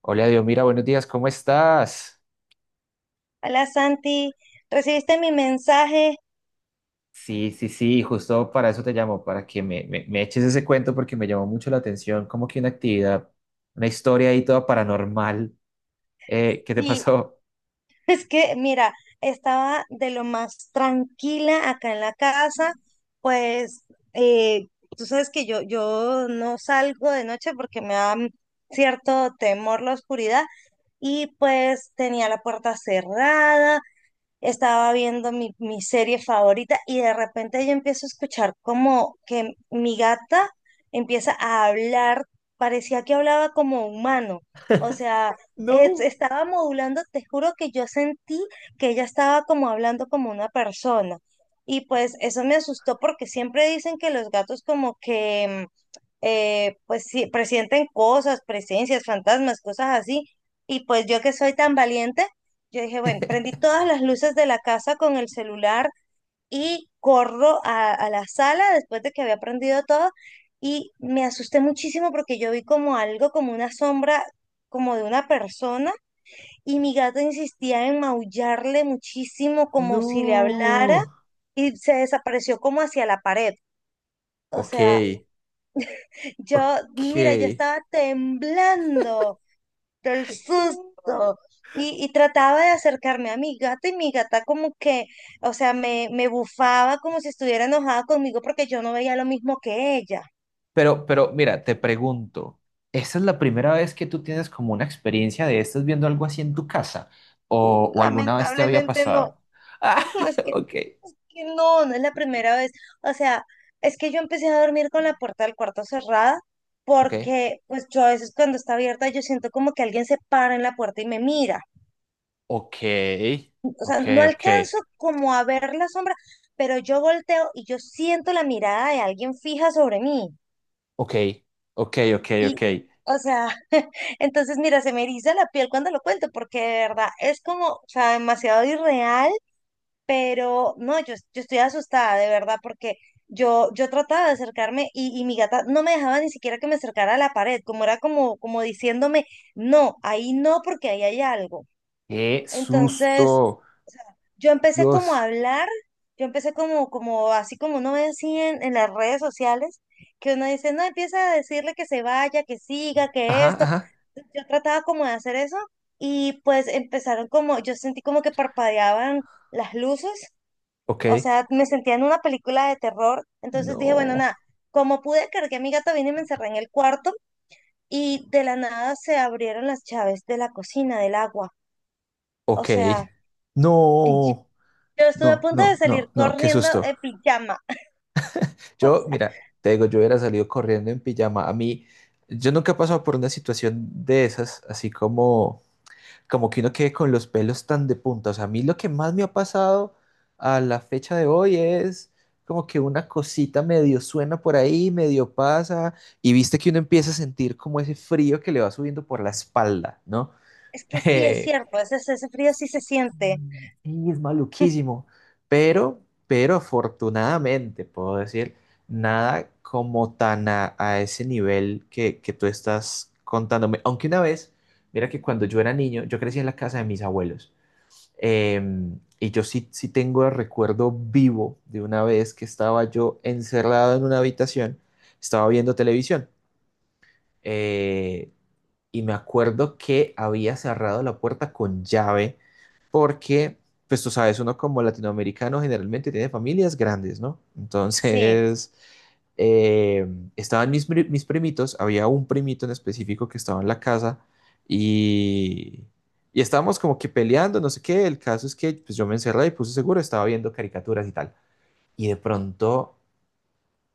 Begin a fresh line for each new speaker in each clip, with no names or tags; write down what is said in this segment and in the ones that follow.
Hola, Dios, mira, buenos días, ¿cómo estás?
Hola Santi, ¿recibiste mi mensaje?
Sí, sí, sí, justo para eso te llamo, para que me eches ese cuento porque me llamó mucho la atención, como que una actividad, una historia ahí toda paranormal. ¿Qué te
Sí,
pasó?
Es que, mira, estaba de lo más tranquila acá en la casa, pues eh, tú sabes que yo no salgo de noche porque me da cierto temor la oscuridad y pues tenía la puerta cerrada, estaba viendo mi serie favorita y de repente yo empiezo a escuchar como que mi gata empieza a hablar, parecía que hablaba como humano, o sea,
No,
estaba modulando, te juro que yo sentí que ella estaba como hablando como una persona. Y pues eso me asustó porque siempre dicen que los gatos como que pues sí, presienten cosas, presencias, fantasmas, cosas así. Y pues yo que soy tan valiente, yo dije, bueno, prendí todas las luces de la casa con el celular y corro a la sala después de que había prendido todo y me asusté muchísimo porque yo vi como algo, como una sombra, como de una persona y mi gato insistía en maullarle muchísimo como si le hablara
no.
y se desapareció como hacia la pared. O
Ok,
sea, yo, mira, yo
ok.
estaba temblando. El
No.
susto. Y trataba de acercarme a mi gata y mi gata como que, o sea, me bufaba como si estuviera enojada conmigo porque yo no veía lo mismo que ella.
Pero mira, te pregunto, ¿esta es la primera vez que tú tienes como una experiencia de estás viendo algo así en tu casa? O alguna vez te había
Lamentablemente no.
pasado? Ah,
No,
ok,
es que no es la primera vez. O sea, es que yo empecé a dormir con la puerta del cuarto cerrada
ok.
porque pues yo a veces cuando está abierta yo siento como que alguien se para en la puerta y me mira.
Ok,
O sea,
ok,
no
ok,
alcanzo como a ver la sombra, pero yo volteo y yo siento la mirada de alguien fija sobre mí.
ok, ok, ok,
Y,
ok.
o sea, entonces mira, se me eriza la piel cuando lo cuento, porque de verdad es como, o sea, demasiado irreal, pero no, yo estoy asustada, de verdad, porque yo trataba de acercarme y mi gata no me dejaba ni siquiera que me acercara a la pared, como era como, como diciéndome, no, ahí no, porque ahí hay algo.
Qué
Entonces,
susto.
yo empecé como a
Dios.
hablar, yo empecé como, como así como uno ve así en las redes sociales, que uno dice, no, empieza a decirle que se vaya, que siga, que
Ajá,
esto.
ajá.
Yo trataba como de hacer eso y pues empezaron como, yo sentí como que parpadeaban las luces,
Ok.
o sea, me sentía en una película de terror, entonces dije, bueno,
No.
nada, como pude, cargué a mi gato, vine y me encerré en el cuarto y de la nada se abrieron las llaves de la cocina, del agua, o
Ok.
sea...
No.
Yo estuve a
No,
punto de
no,
salir
no, no. Qué
corriendo
susto.
en pijama. O
Yo,
sea,
mira, te digo, yo hubiera salido corriendo en pijama. A mí, yo nunca he pasado por una situación de esas, así como como que uno quede con los pelos tan de punta. O sea, a mí lo que más me ha pasado a la fecha de hoy es como que una cosita medio suena por ahí, medio pasa, y viste que uno empieza a sentir como ese frío que le va subiendo por la espalda, ¿no?
es que sí es cierto, ese frío sí se siente.
Sí, es maluquísimo. Pero, pero afortunadamente, puedo decir, nada como tan a ese nivel que tú estás contándome. Aunque una vez, mira que cuando yo era niño, yo crecí en la casa de mis abuelos. Y yo sí, sí tengo el recuerdo vivo de una vez que estaba yo encerrado en una habitación, estaba viendo televisión. Eh, y me acuerdo que había cerrado la puerta con llave porque, pues tú sabes, uno como latinoamericano generalmente tiene familias grandes, ¿no?
Sí,
Entonces, eh, estaban mis primitos, había un primito en específico que estaba en la casa y, y estábamos como que peleando, no sé qué, el caso es que pues yo me encerré y puse seguro, estaba viendo caricaturas y tal. Y de pronto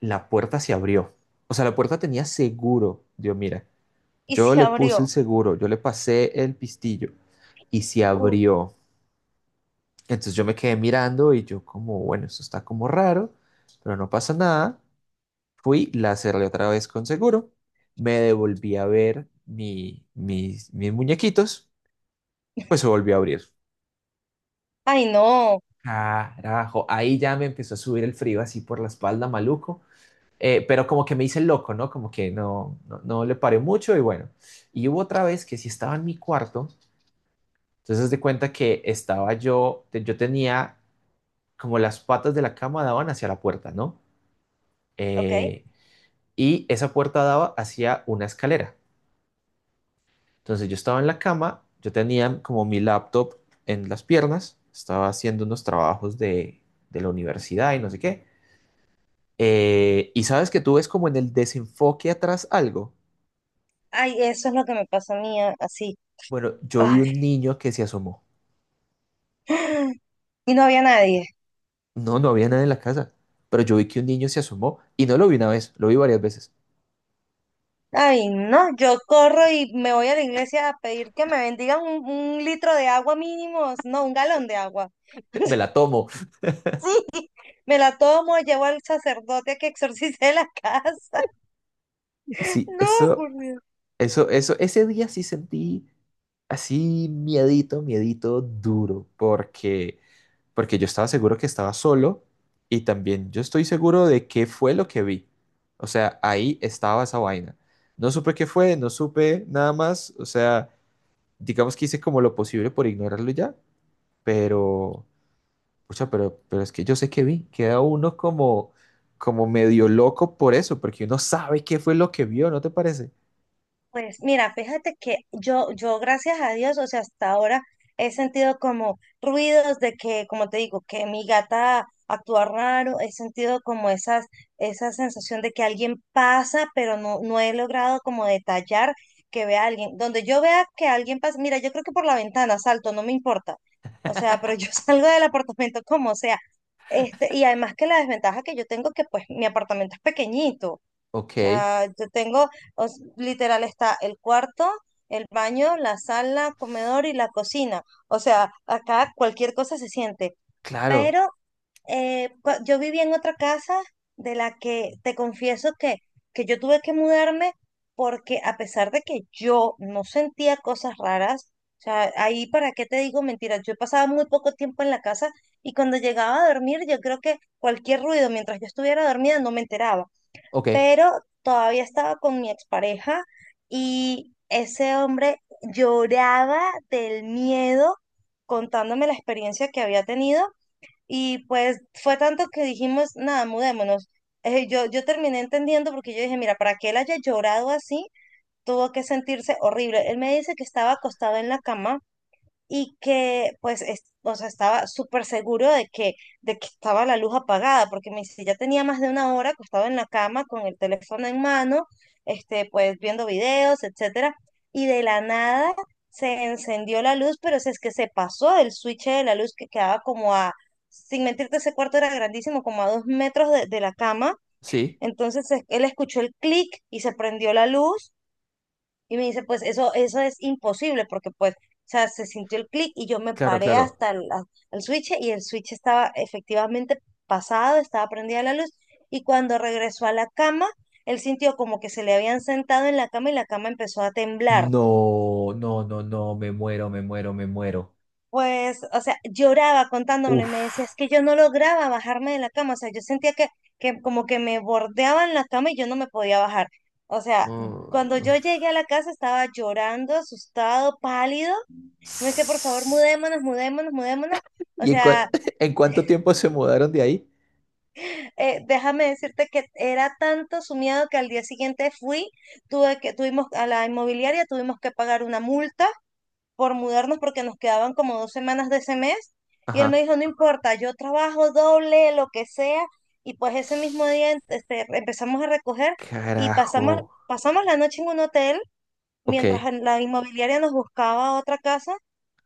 la puerta se abrió, o sea, la puerta tenía seguro, Dios mira.
y
Yo
se
le puse
abrió.
el seguro, yo le pasé el pistillo y se
Uh,
abrió. Entonces yo me quedé mirando y yo como, bueno, esto está como raro, pero no pasa nada. Fui, la cerré otra vez con seguro, me devolví a ver mis muñequitos, pues se volvió a abrir.
Ay, no.
Carajo, ahí ya me empezó a subir el frío así por la espalda, maluco. Pero como que me hice el loco, ¿no? Como que no, no, no le paré mucho y bueno. Y hubo otra vez que sí estaba en mi cuarto. Entonces haz de cuenta que estaba yo tenía como las patas de la cama daban hacia la puerta, ¿no?
Ok.
Eh, y esa puerta daba hacia una escalera. Entonces yo estaba en la cama, yo tenía como mi laptop en las piernas, estaba haciendo unos trabajos de la universidad y no sé qué. Y sabes que tú ves como en el desenfoque atrás algo.
Ay, eso es lo que me pasó a mí, así.
Bueno, yo vi
Ay.
un niño que se asomó.
Y no había nadie.
No, no había nadie en la casa, pero yo vi que un niño se asomó y no lo vi una vez, lo vi varias veces.
Ay, no, yo corro y me voy a la iglesia a pedir que me bendigan un litro de agua mínimo, no, un galón de agua.
Me la tomo.
Me la tomo, llevo al sacerdote a que exorcice la casa.
Sí,
No, por Dios.
eso, ese día sí sentí así miedito, miedito duro, porque, porque yo estaba seguro que estaba solo y también yo estoy seguro de qué fue lo que vi. O sea, ahí estaba esa vaina. No supe qué fue, no supe nada más, o sea, digamos que hice como lo posible por ignorarlo ya, pero, pucha, pero es que yo sé que vi, queda uno como, como medio loco por eso, porque uno sabe qué fue lo que vio, ¿no te parece?
Pues mira, fíjate que yo gracias a Dios, o sea, hasta ahora he sentido como ruidos de que, como te digo, que mi gata actúa raro, he sentido como esas, esa sensación de que alguien pasa, pero no, no he logrado como detallar que vea a alguien. Donde yo vea que alguien pasa, mira, yo creo que por la ventana salto, no me importa. O sea, pero yo salgo del apartamento como sea. Este, y además que la desventaja que yo tengo que pues mi apartamento es pequeñito.
Ok.
O sea, yo tengo, literal está el cuarto, el baño, la sala, comedor y la cocina. O sea, acá cualquier cosa se siente.
Claro,
Pero yo viví en otra casa de la que te confieso que yo tuve que mudarme porque a pesar de que yo no sentía cosas raras, o sea, ahí para qué te digo mentiras, yo pasaba muy poco tiempo en la casa y cuando llegaba a dormir yo creo que cualquier ruido mientras yo estuviera dormida no me enteraba
ok,
pero todavía estaba con mi expareja y ese hombre lloraba del miedo contándome la experiencia que había tenido y pues fue tanto que dijimos, nada, mudémonos. Yo terminé entendiendo porque yo dije, mira, para que él haya llorado así, tuvo que sentirse horrible. Él me dice que estaba acostado en la cama y que pues o sea, estaba súper seguro de que estaba la luz apagada, porque me dice, ya tenía más de una hora acostado en la cama con el teléfono en mano, este, pues viendo videos, etcétera, y de la nada se encendió la luz, pero si es que se pasó el switch de la luz que quedaba como a, sin mentirte, ese cuarto era grandísimo, como a 2 metros de la cama,
sí,
entonces él escuchó el clic y se prendió la luz y me dice, pues eso es imposible porque pues, o sea, se sintió el clic y yo me
claro,
paré
claro.
hasta el, el switch y el switch estaba efectivamente pasado, estaba prendida la luz y cuando regresó a la cama, él sintió como que se le habían sentado en la cama y la cama empezó a temblar.
No, no, no, no, me muero, me muero, me muero.
Pues, o sea, lloraba contándomelo y me decía,
Uf.
es que yo no lograba bajarme de la cama, o sea, yo sentía que como que me bordeaban la cama y yo no me podía bajar. O sea, cuando
Mm.
yo llegué a la casa estaba llorando, asustado, pálido. Me decía, por favor,
Sss.
mudémonos, mudémonos, mudémonos. O
¿Y en,
sea,
en cuánto tiempo se mudaron de ahí?
déjame decirte que era tanto su miedo que al día siguiente fui, tuve que, tuvimos a la inmobiliaria, tuvimos que pagar una multa por mudarnos porque nos quedaban como 2 semanas de ese mes. Y él me
Ajá.
dijo, no importa, yo trabajo doble, lo que sea. Y pues ese mismo día este, empezamos a recoger y
Carajo.
pasamos, pasamos la noche en un hotel
Ok,
mientras en la inmobiliaria nos buscaba otra casa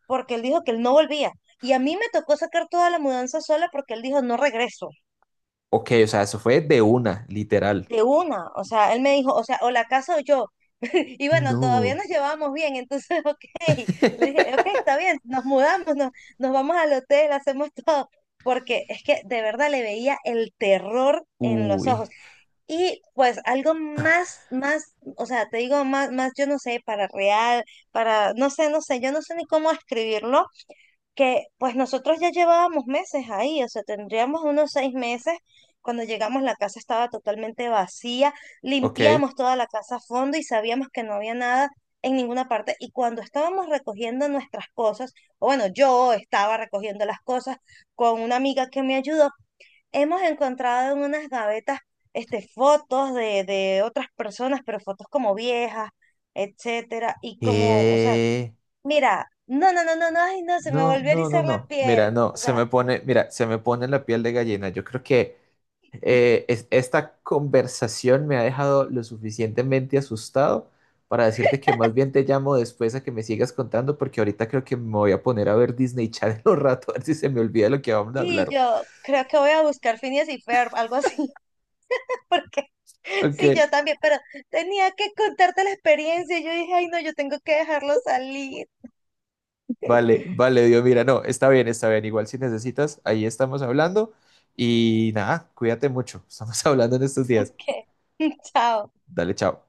porque él dijo que él no volvía. Y a mí me tocó sacar toda la mudanza sola porque él dijo, no regreso,
ok, o sea, eso fue de una, literal.
de una. O sea, él me dijo, o sea, o la casa o yo. Y bueno, todavía
No.
nos llevábamos bien, entonces, ok, le dije, ok, está bien, nos mudamos, nos, nos vamos al hotel, hacemos todo, porque es que de verdad le veía el terror en los
Uy,
ojos. Y pues algo más, más, o sea, te digo, más, más, yo no sé, para real, para, no sé, no sé, yo no sé ni cómo escribirlo, que pues nosotros ya llevábamos meses ahí, o sea, tendríamos unos 6 meses. Cuando llegamos la casa estaba totalmente vacía,
ok.
limpiamos toda la casa a fondo y sabíamos que no había nada en ninguna parte. Y cuando estábamos recogiendo nuestras cosas, o bueno, yo estaba recogiendo las cosas con una amiga que me ayudó, hemos encontrado en unas gavetas este, fotos de otras personas, pero fotos como viejas, etcétera. Y como, o sea,
¿Qué?
mira, no, no, no, no, no, ay, no, se me
No,
volvió a
no, no,
erizar la
no.
piel.
Mira, no,
O
se
sea,
me pone, mira, se me pone la piel de gallina. Yo creo que esta conversación me ha dejado lo suficientemente asustado para decirte que más bien te llamo después a que me sigas contando, porque ahorita creo que me voy a poner a ver Disney Channel un rato, a ver si se me olvida lo que vamos a
sí,
hablar.
yo creo que voy a buscar Phineas y Ferb, algo así, porque
Ok,
sí, yo también, pero tenía que contarte la experiencia. Yo dije, ay, no, yo tengo que dejarlo salir.
vale, vale, Dios, mira, no, está bien, está bien. Igual si necesitas, ahí estamos hablando. Y nada, cuídate mucho. Estamos hablando en estos días.
Ok, chao.
Dale, chao.